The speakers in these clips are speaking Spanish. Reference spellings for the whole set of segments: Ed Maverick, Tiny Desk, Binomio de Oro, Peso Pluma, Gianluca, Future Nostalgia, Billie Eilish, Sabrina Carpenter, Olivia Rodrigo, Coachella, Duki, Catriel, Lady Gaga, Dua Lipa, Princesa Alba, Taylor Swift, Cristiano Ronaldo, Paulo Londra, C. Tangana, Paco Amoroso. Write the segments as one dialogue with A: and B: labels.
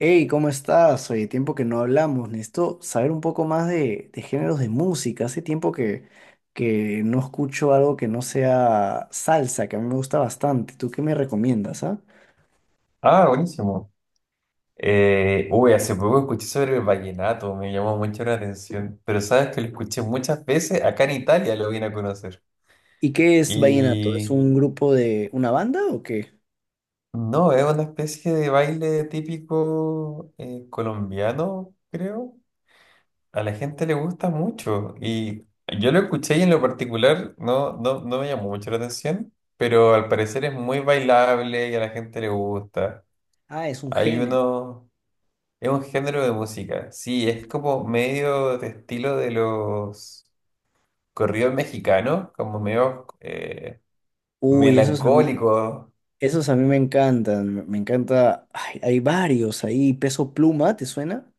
A: Hey, ¿cómo estás? Oye, tiempo que no hablamos. Necesito saber un poco más de géneros de música. Hace tiempo que no escucho algo que no sea salsa, que a mí me gusta bastante. ¿Tú qué me recomiendas, ah?
B: Ah, buenísimo. Uy, hace poco escuché sobre el vallenato, me llamó mucho la atención, pero sabes que lo escuché muchas veces, acá en Italia lo vine a conocer.
A: ¿Y qué es vallenato? ¿Es
B: Y
A: un grupo de una banda o qué?
B: no, es una especie de baile típico colombiano, creo. A la gente le gusta mucho y yo lo escuché y en lo particular no, no, no me llamó mucho la atención, pero al parecer es muy bailable y a la gente le gusta.
A: Ah, es un
B: Hay
A: género.
B: uno... Es un género de música, sí, es como medio de estilo de los corridos mexicanos, como medio
A: Uy, esos a mí,
B: melancólico.
A: Esos a mí me encantan. Me encanta. Ay, hay varios ahí. Peso Pluma, ¿te suena?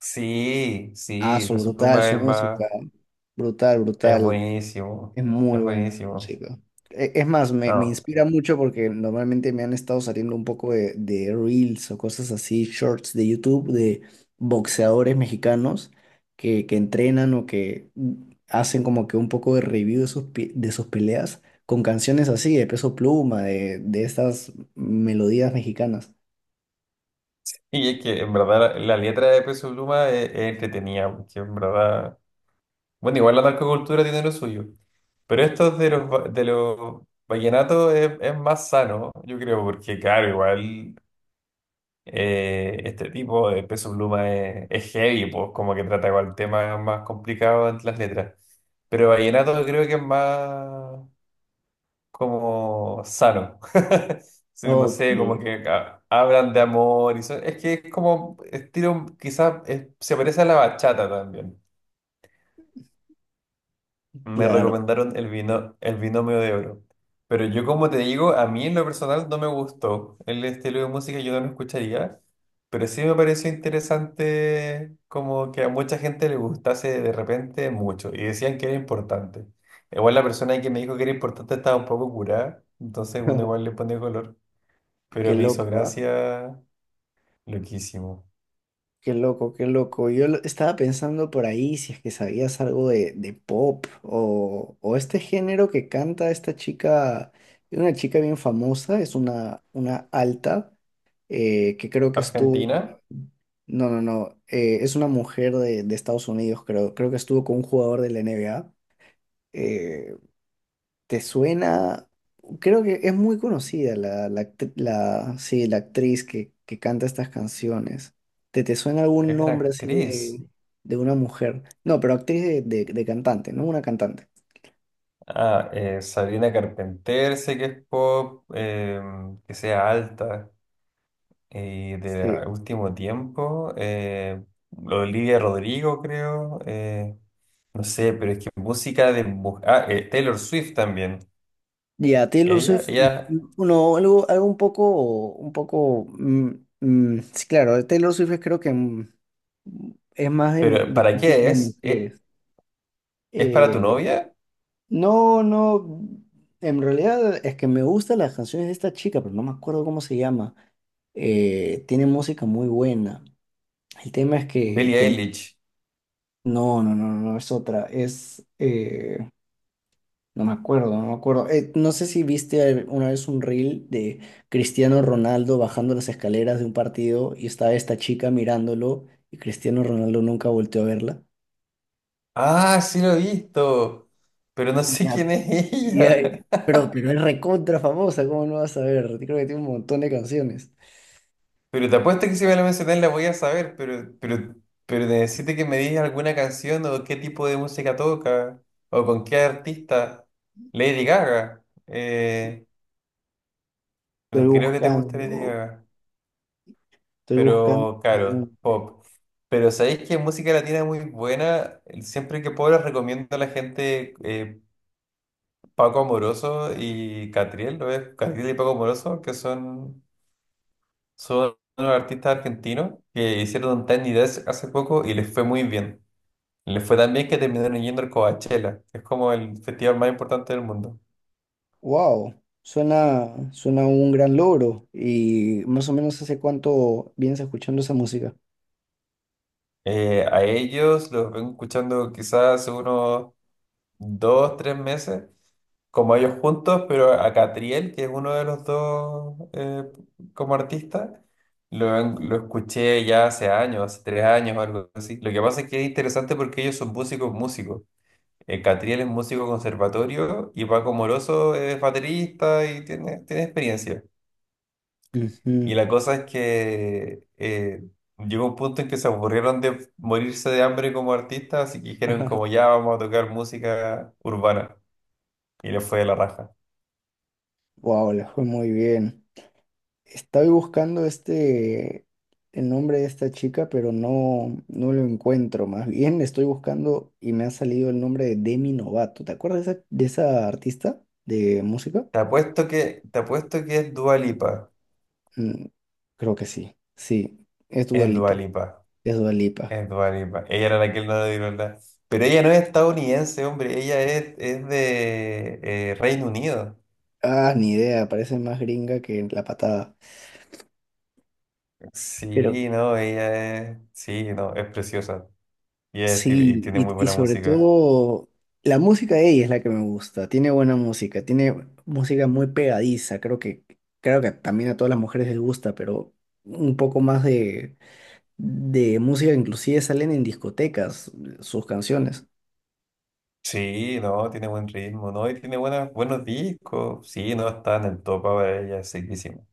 B: Sí,
A: Ah,
B: sí,
A: son
B: Peso
A: brutal,
B: Pluma
A: su
B: es
A: música. Brutal,
B: es
A: brutal.
B: buenísimo,
A: Es muy
B: es
A: buena la
B: buenísimo.
A: música. Es más, me
B: No.
A: inspira mucho porque normalmente me han estado saliendo un poco de reels o cosas así, shorts de YouTube de boxeadores mexicanos que entrenan o que hacen como que un poco de review de sus, de sus peleas con canciones así, de Peso Pluma, de estas melodías mexicanas.
B: Y es que en verdad la letra de Peso Pluma es entretenida, porque en verdad, bueno, igual la narcocultura tiene lo suyo, pero esto de los, de los vallenatos es más sano, yo creo, porque claro, igual. Este tipo de Peso Pluma es heavy, pues como que trata con el tema más complicado entre las letras. Pero vallenato creo que es más como sano. Sí, no
A: Oh,
B: sé, como que hablan de amor y eso es que es como estilo, quizás se parece a la bachata también. Me
A: claro.
B: recomendaron el binomio de oro. Pero yo, como te digo, a mí en lo personal no me gustó el estilo de música, yo no lo escucharía. Pero sí me pareció interesante como que a mucha gente le gustase de repente mucho y decían que era importante. Igual la persona que me dijo que era importante estaba un poco curada, entonces uno igual le pone color.
A: Qué
B: Pero me hizo
A: loco, ¿ah?
B: gracia, loquísimo.
A: Qué loco, qué loco. Estaba pensando por ahí si es que sabías algo de pop o este género que canta esta chica, una chica bien famosa, es una alta, que creo que estuvo con...
B: Argentina
A: No, no, no, es una mujer de Estados Unidos, creo, creo que estuvo con un jugador de la NBA. ¿Te suena? Creo que es muy conocida la, la, sí, la actriz que canta estas canciones. Te suena algún
B: es una
A: nombre así
B: actriz.
A: de una mujer? No, pero actriz de cantante, ¿no? Una cantante.
B: Ah, Sabrina Carpenter, sé que es pop, que sea alta y de
A: Sí.
B: último tiempo. Olivia Rodrigo, creo. No sé, pero es que música. Ah, Taylor Swift también.
A: Y a Taylor
B: Ella,
A: Swift,
B: ella...
A: no, algo, algo un poco, sí, claro, Taylor Swift es creo que es más
B: ¿Pero
A: de
B: para
A: música
B: qué
A: de
B: es?
A: mujeres.
B: ¿Es para tu
A: Eh,
B: novia?
A: No, no, en realidad es que me gustan las canciones de esta chica, pero no me acuerdo cómo se llama. Tiene música muy buena. El tema es que,
B: Billie
A: que
B: Eilish.
A: no, no, no, no es otra. Es, no me acuerdo, no me acuerdo. No sé si viste una vez un reel de Cristiano Ronaldo bajando las escaleras de un partido y estaba esta chica mirándolo y Cristiano Ronaldo nunca volteó a verla.
B: Ah, sí lo he visto, pero no sé quién
A: Ya,
B: es
A: ya,
B: ella.
A: pero es recontra famosa, ¿cómo no vas a ver? Creo que tiene un montón de canciones.
B: Pero te apuesto que si me la mencionas la voy a saber, pero necesito que me digas alguna canción o qué tipo de música toca o con qué artista. Lady Gaga.
A: Estoy
B: No creo que te guste Lady
A: buscando,
B: Gaga,
A: estoy buscando.
B: pero claro, pop. Pero sabéis que música latina es muy buena. Siempre que puedo les recomiendo a la gente Paco Amoroso y Catriel, ¿lo ves? Catriel y Paco Amoroso, que son unos artistas argentinos que hicieron un Tiny Desk hace poco y les fue muy bien. Le fue tan bien que terminaron yendo al Coachella, que es como el festival más importante del mundo.
A: Wow, suena, suena un gran logro. Y más o menos hace cuánto vienes escuchando esa música.
B: A ellos los vengo escuchando quizás hace unos 2, 3 meses, como ellos juntos, pero a Catriel, que es uno de los dos como artista, lo escuché ya hace años, hace 3 años o algo así. Lo que pasa es que es interesante porque ellos son músicos, músicos. Catriel es músico conservatorio y Paco Moroso es baterista y tiene experiencia.
A: Ujú.
B: Y la cosa es que llegó un punto en que se aburrieron de morirse de hambre como artistas, así que dijeron como ya vamos a tocar música urbana. Y le fue de la raja.
A: Wow, le fue muy bien. Estoy buscando este, el nombre de esta chica, pero no, no lo encuentro. Más bien estoy buscando y me ha salido el nombre de Demi Novato. ¿Te acuerdas de esa artista de música?
B: Te apuesto que es Dua Lipa.
A: Mm, creo que sí. Sí, es Dua
B: Es
A: Lipa.
B: Dua Lipa.
A: Es Dua Lipa.
B: Es Dua Lipa. Ella era la que no le dieron nada. Pero ella no es estadounidense, hombre. Ella es de Reino Unido.
A: Ah, ni idea, parece más gringa que la patada. Pero
B: Sí, no, ella es... Sí, no, es preciosa. Y
A: sí,
B: tiene muy
A: y
B: buena
A: sobre
B: música.
A: todo la música de ella es la que me gusta. Tiene buena música, tiene música muy pegadiza. Creo que también a todas las mujeres les gusta, pero un poco más de música, inclusive salen en discotecas sus canciones.
B: Sí, no, tiene buen ritmo, no, y tiene buenas, buenos discos. Sí, no, está en el top ahora ella, seguísimo.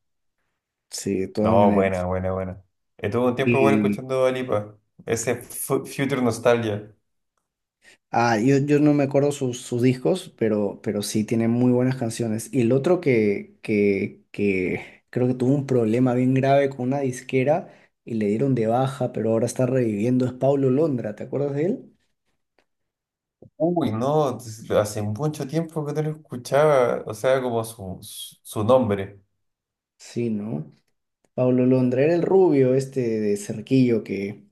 A: Sí, de todas
B: No, buena,
A: maneras.
B: buena, buena. Estuve un tiempo igual escuchando Dua Lipa, ese Future Nostalgia.
A: Ah, yo no me acuerdo sus, sus discos, pero sí tiene muy buenas canciones. Y el otro que creo que tuvo un problema bien grave con una disquera y le dieron de baja, pero ahora está reviviendo, es Paulo Londra, ¿te acuerdas de él?
B: Uy, no, hace mucho tiempo que no lo escuchaba, o sea, como su nombre.
A: Sí, ¿no? Paulo Londra era el rubio este de cerquillo que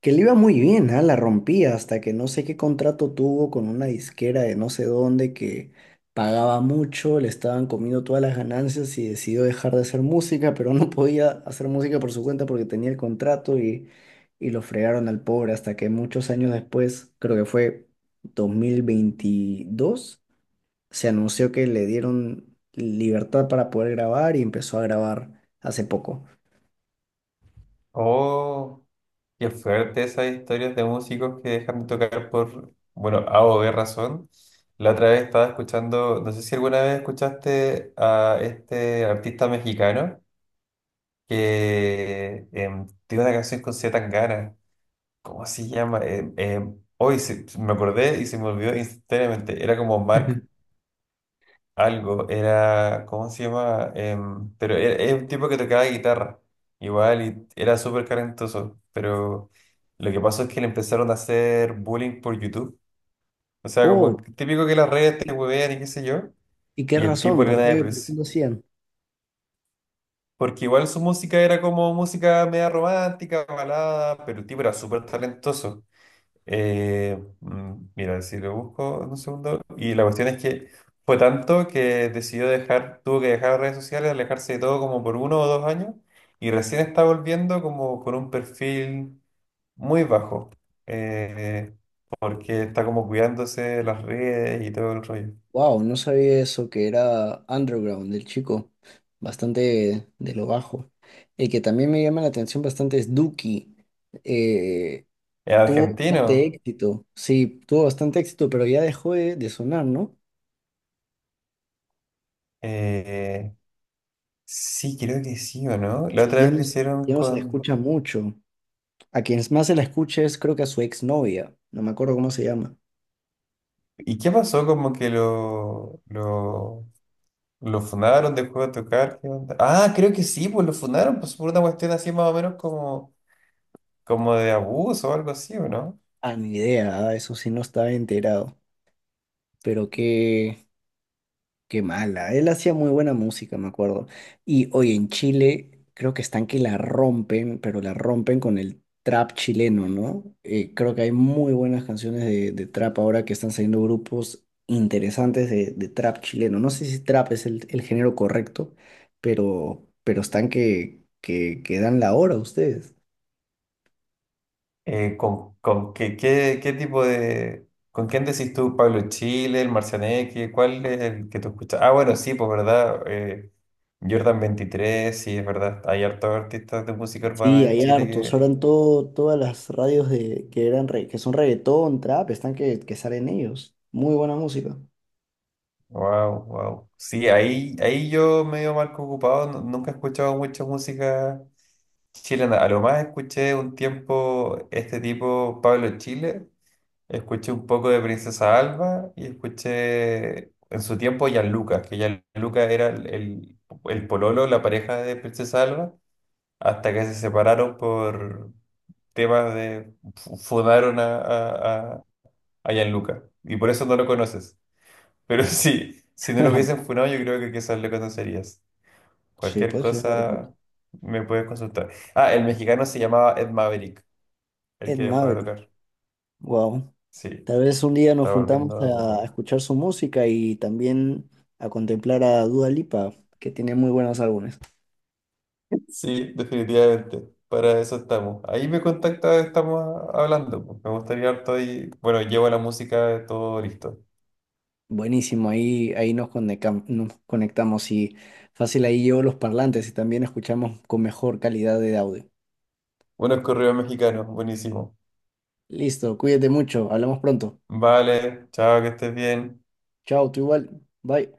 A: que le iba muy bien, ah, la rompía hasta que no sé qué contrato tuvo con una disquera de no sé dónde que pagaba mucho, le estaban comiendo todas las ganancias y decidió dejar de hacer música, pero no podía hacer música por su cuenta porque tenía el contrato y lo fregaron al pobre hasta que muchos años después, creo que fue 2022, se anunció que le dieron libertad para poder grabar y empezó a grabar hace poco.
B: Oh, qué fuerte esas historias de músicos que dejan de tocar por, bueno, A o B razón. La otra vez estaba escuchando, no sé si alguna vez escuchaste a este artista mexicano que tiene una canción con C. Tangana. ¿Cómo se llama? Hoy me acordé y se me olvidó instantáneamente. Era como Mark algo. ¿Cómo se llama? Pero era un tipo que tocaba guitarra, igual, y era súper talentoso, pero lo que pasó es que le empezaron a hacer bullying por YouTube. O sea, como
A: Oh,
B: típico que las redes te
A: ¿y
B: huevean y qué sé yo,
A: y qué
B: y el tipo
A: razón?
B: le dio una
A: Por qué
B: depresión.
A: lo hacían?
B: Porque igual su música era como música media romántica, balada, pero el tipo era súper talentoso. Mira, si lo busco en un segundo. Y la cuestión es que fue tanto que decidió dejar, tuvo que dejar redes sociales, alejarse de todo como por uno o dos años. Y recién está volviendo como con un perfil muy bajo. eh, Porque está como cuidándose las redes y todo el rollo.
A: Wow, no sabía eso, que era underground del chico, bastante de lo bajo. El que también me llama la atención bastante es Duki. Eh,
B: ¿Es
A: Tuvo bastante
B: argentino?
A: éxito, sí, tuvo bastante éxito, pero ya dejó de sonar, ¿no?
B: Eh, sí, creo que sí o no. La
A: Sí,
B: otra
A: ya
B: vez
A: no,
B: le hicieron
A: ya no se le
B: con...
A: escucha mucho. A quien más se la escucha es creo que a su exnovia, no me acuerdo cómo se llama.
B: ¿Y qué pasó? Como que lo funaron, dejó de tocar. ¿Qué onda? Ah, creo que sí, pues lo funaron, pues por una cuestión así más o menos como, como de abuso o algo así, ¿o no?
A: Ah, ni idea, ah, eso sí no estaba enterado. Pero qué, qué mala. Él hacía muy buena música, me acuerdo. Y hoy en Chile creo que están que la rompen, pero la rompen con el trap chileno, ¿no? Creo que hay muy buenas canciones de trap ahora que están saliendo grupos interesantes de trap chileno. No sé si trap es el género correcto, pero están que dan la hora ustedes.
B: ¿Con qué tipo de... ¿Con quién decís tú, Pablo Chile, el Marcianeque? ¿Cuál es el que tú escuchas? Ah, bueno, sí, pues verdad. Jordan 23 sí, es verdad. Hay hartos artistas de música urbana
A: Sí,
B: en
A: hay hartos.
B: Chile.
A: Ahora en todo, todas las radios de, que eran que son reggaetón, trap, están que salen ellos. Muy buena música.
B: Wow, wow. Sí, ahí, ahí yo medio marco ocupado, nunca he escuchado mucha música chilena. A lo más escuché un tiempo este tipo, Pablo Chile, escuché un poco de Princesa Alba y escuché en su tiempo Gianluca. Que Gianluca era el pololo, la pareja de Princesa Alba, hasta que se separaron por temas de... fundaron a Gianluca y por eso no lo conoces. Pero sí, si no lo hubiesen funado, yo creo que quizás le conocerías.
A: Sí,
B: Cualquier
A: pues sí, es verdad.
B: cosa me puedes consultar. Ah, el mexicano se llamaba Ed Maverick, el
A: Ed
B: que dejó de
A: Maverick,
B: tocar.
A: wow.
B: Sí,
A: Tal vez un día nos
B: está
A: juntamos
B: volviendo a
A: a
B: poco.
A: escuchar su música y también a contemplar a Dua Lipa, que tiene muy buenos álbumes.
B: Sí, definitivamente. Para eso estamos. Ahí me contacta, estamos hablando, pues. Me gustaría harto y bueno, llevo la música, todo listo.
A: Buenísimo, ahí, nos conectamos y fácil ahí llevo los parlantes y también escuchamos con mejor calidad de audio.
B: Buenos correos mexicanos, buenísimo.
A: Listo, cuídate mucho, hablamos pronto.
B: Vale, chao, que estés bien.
A: Chao, tú igual, bye.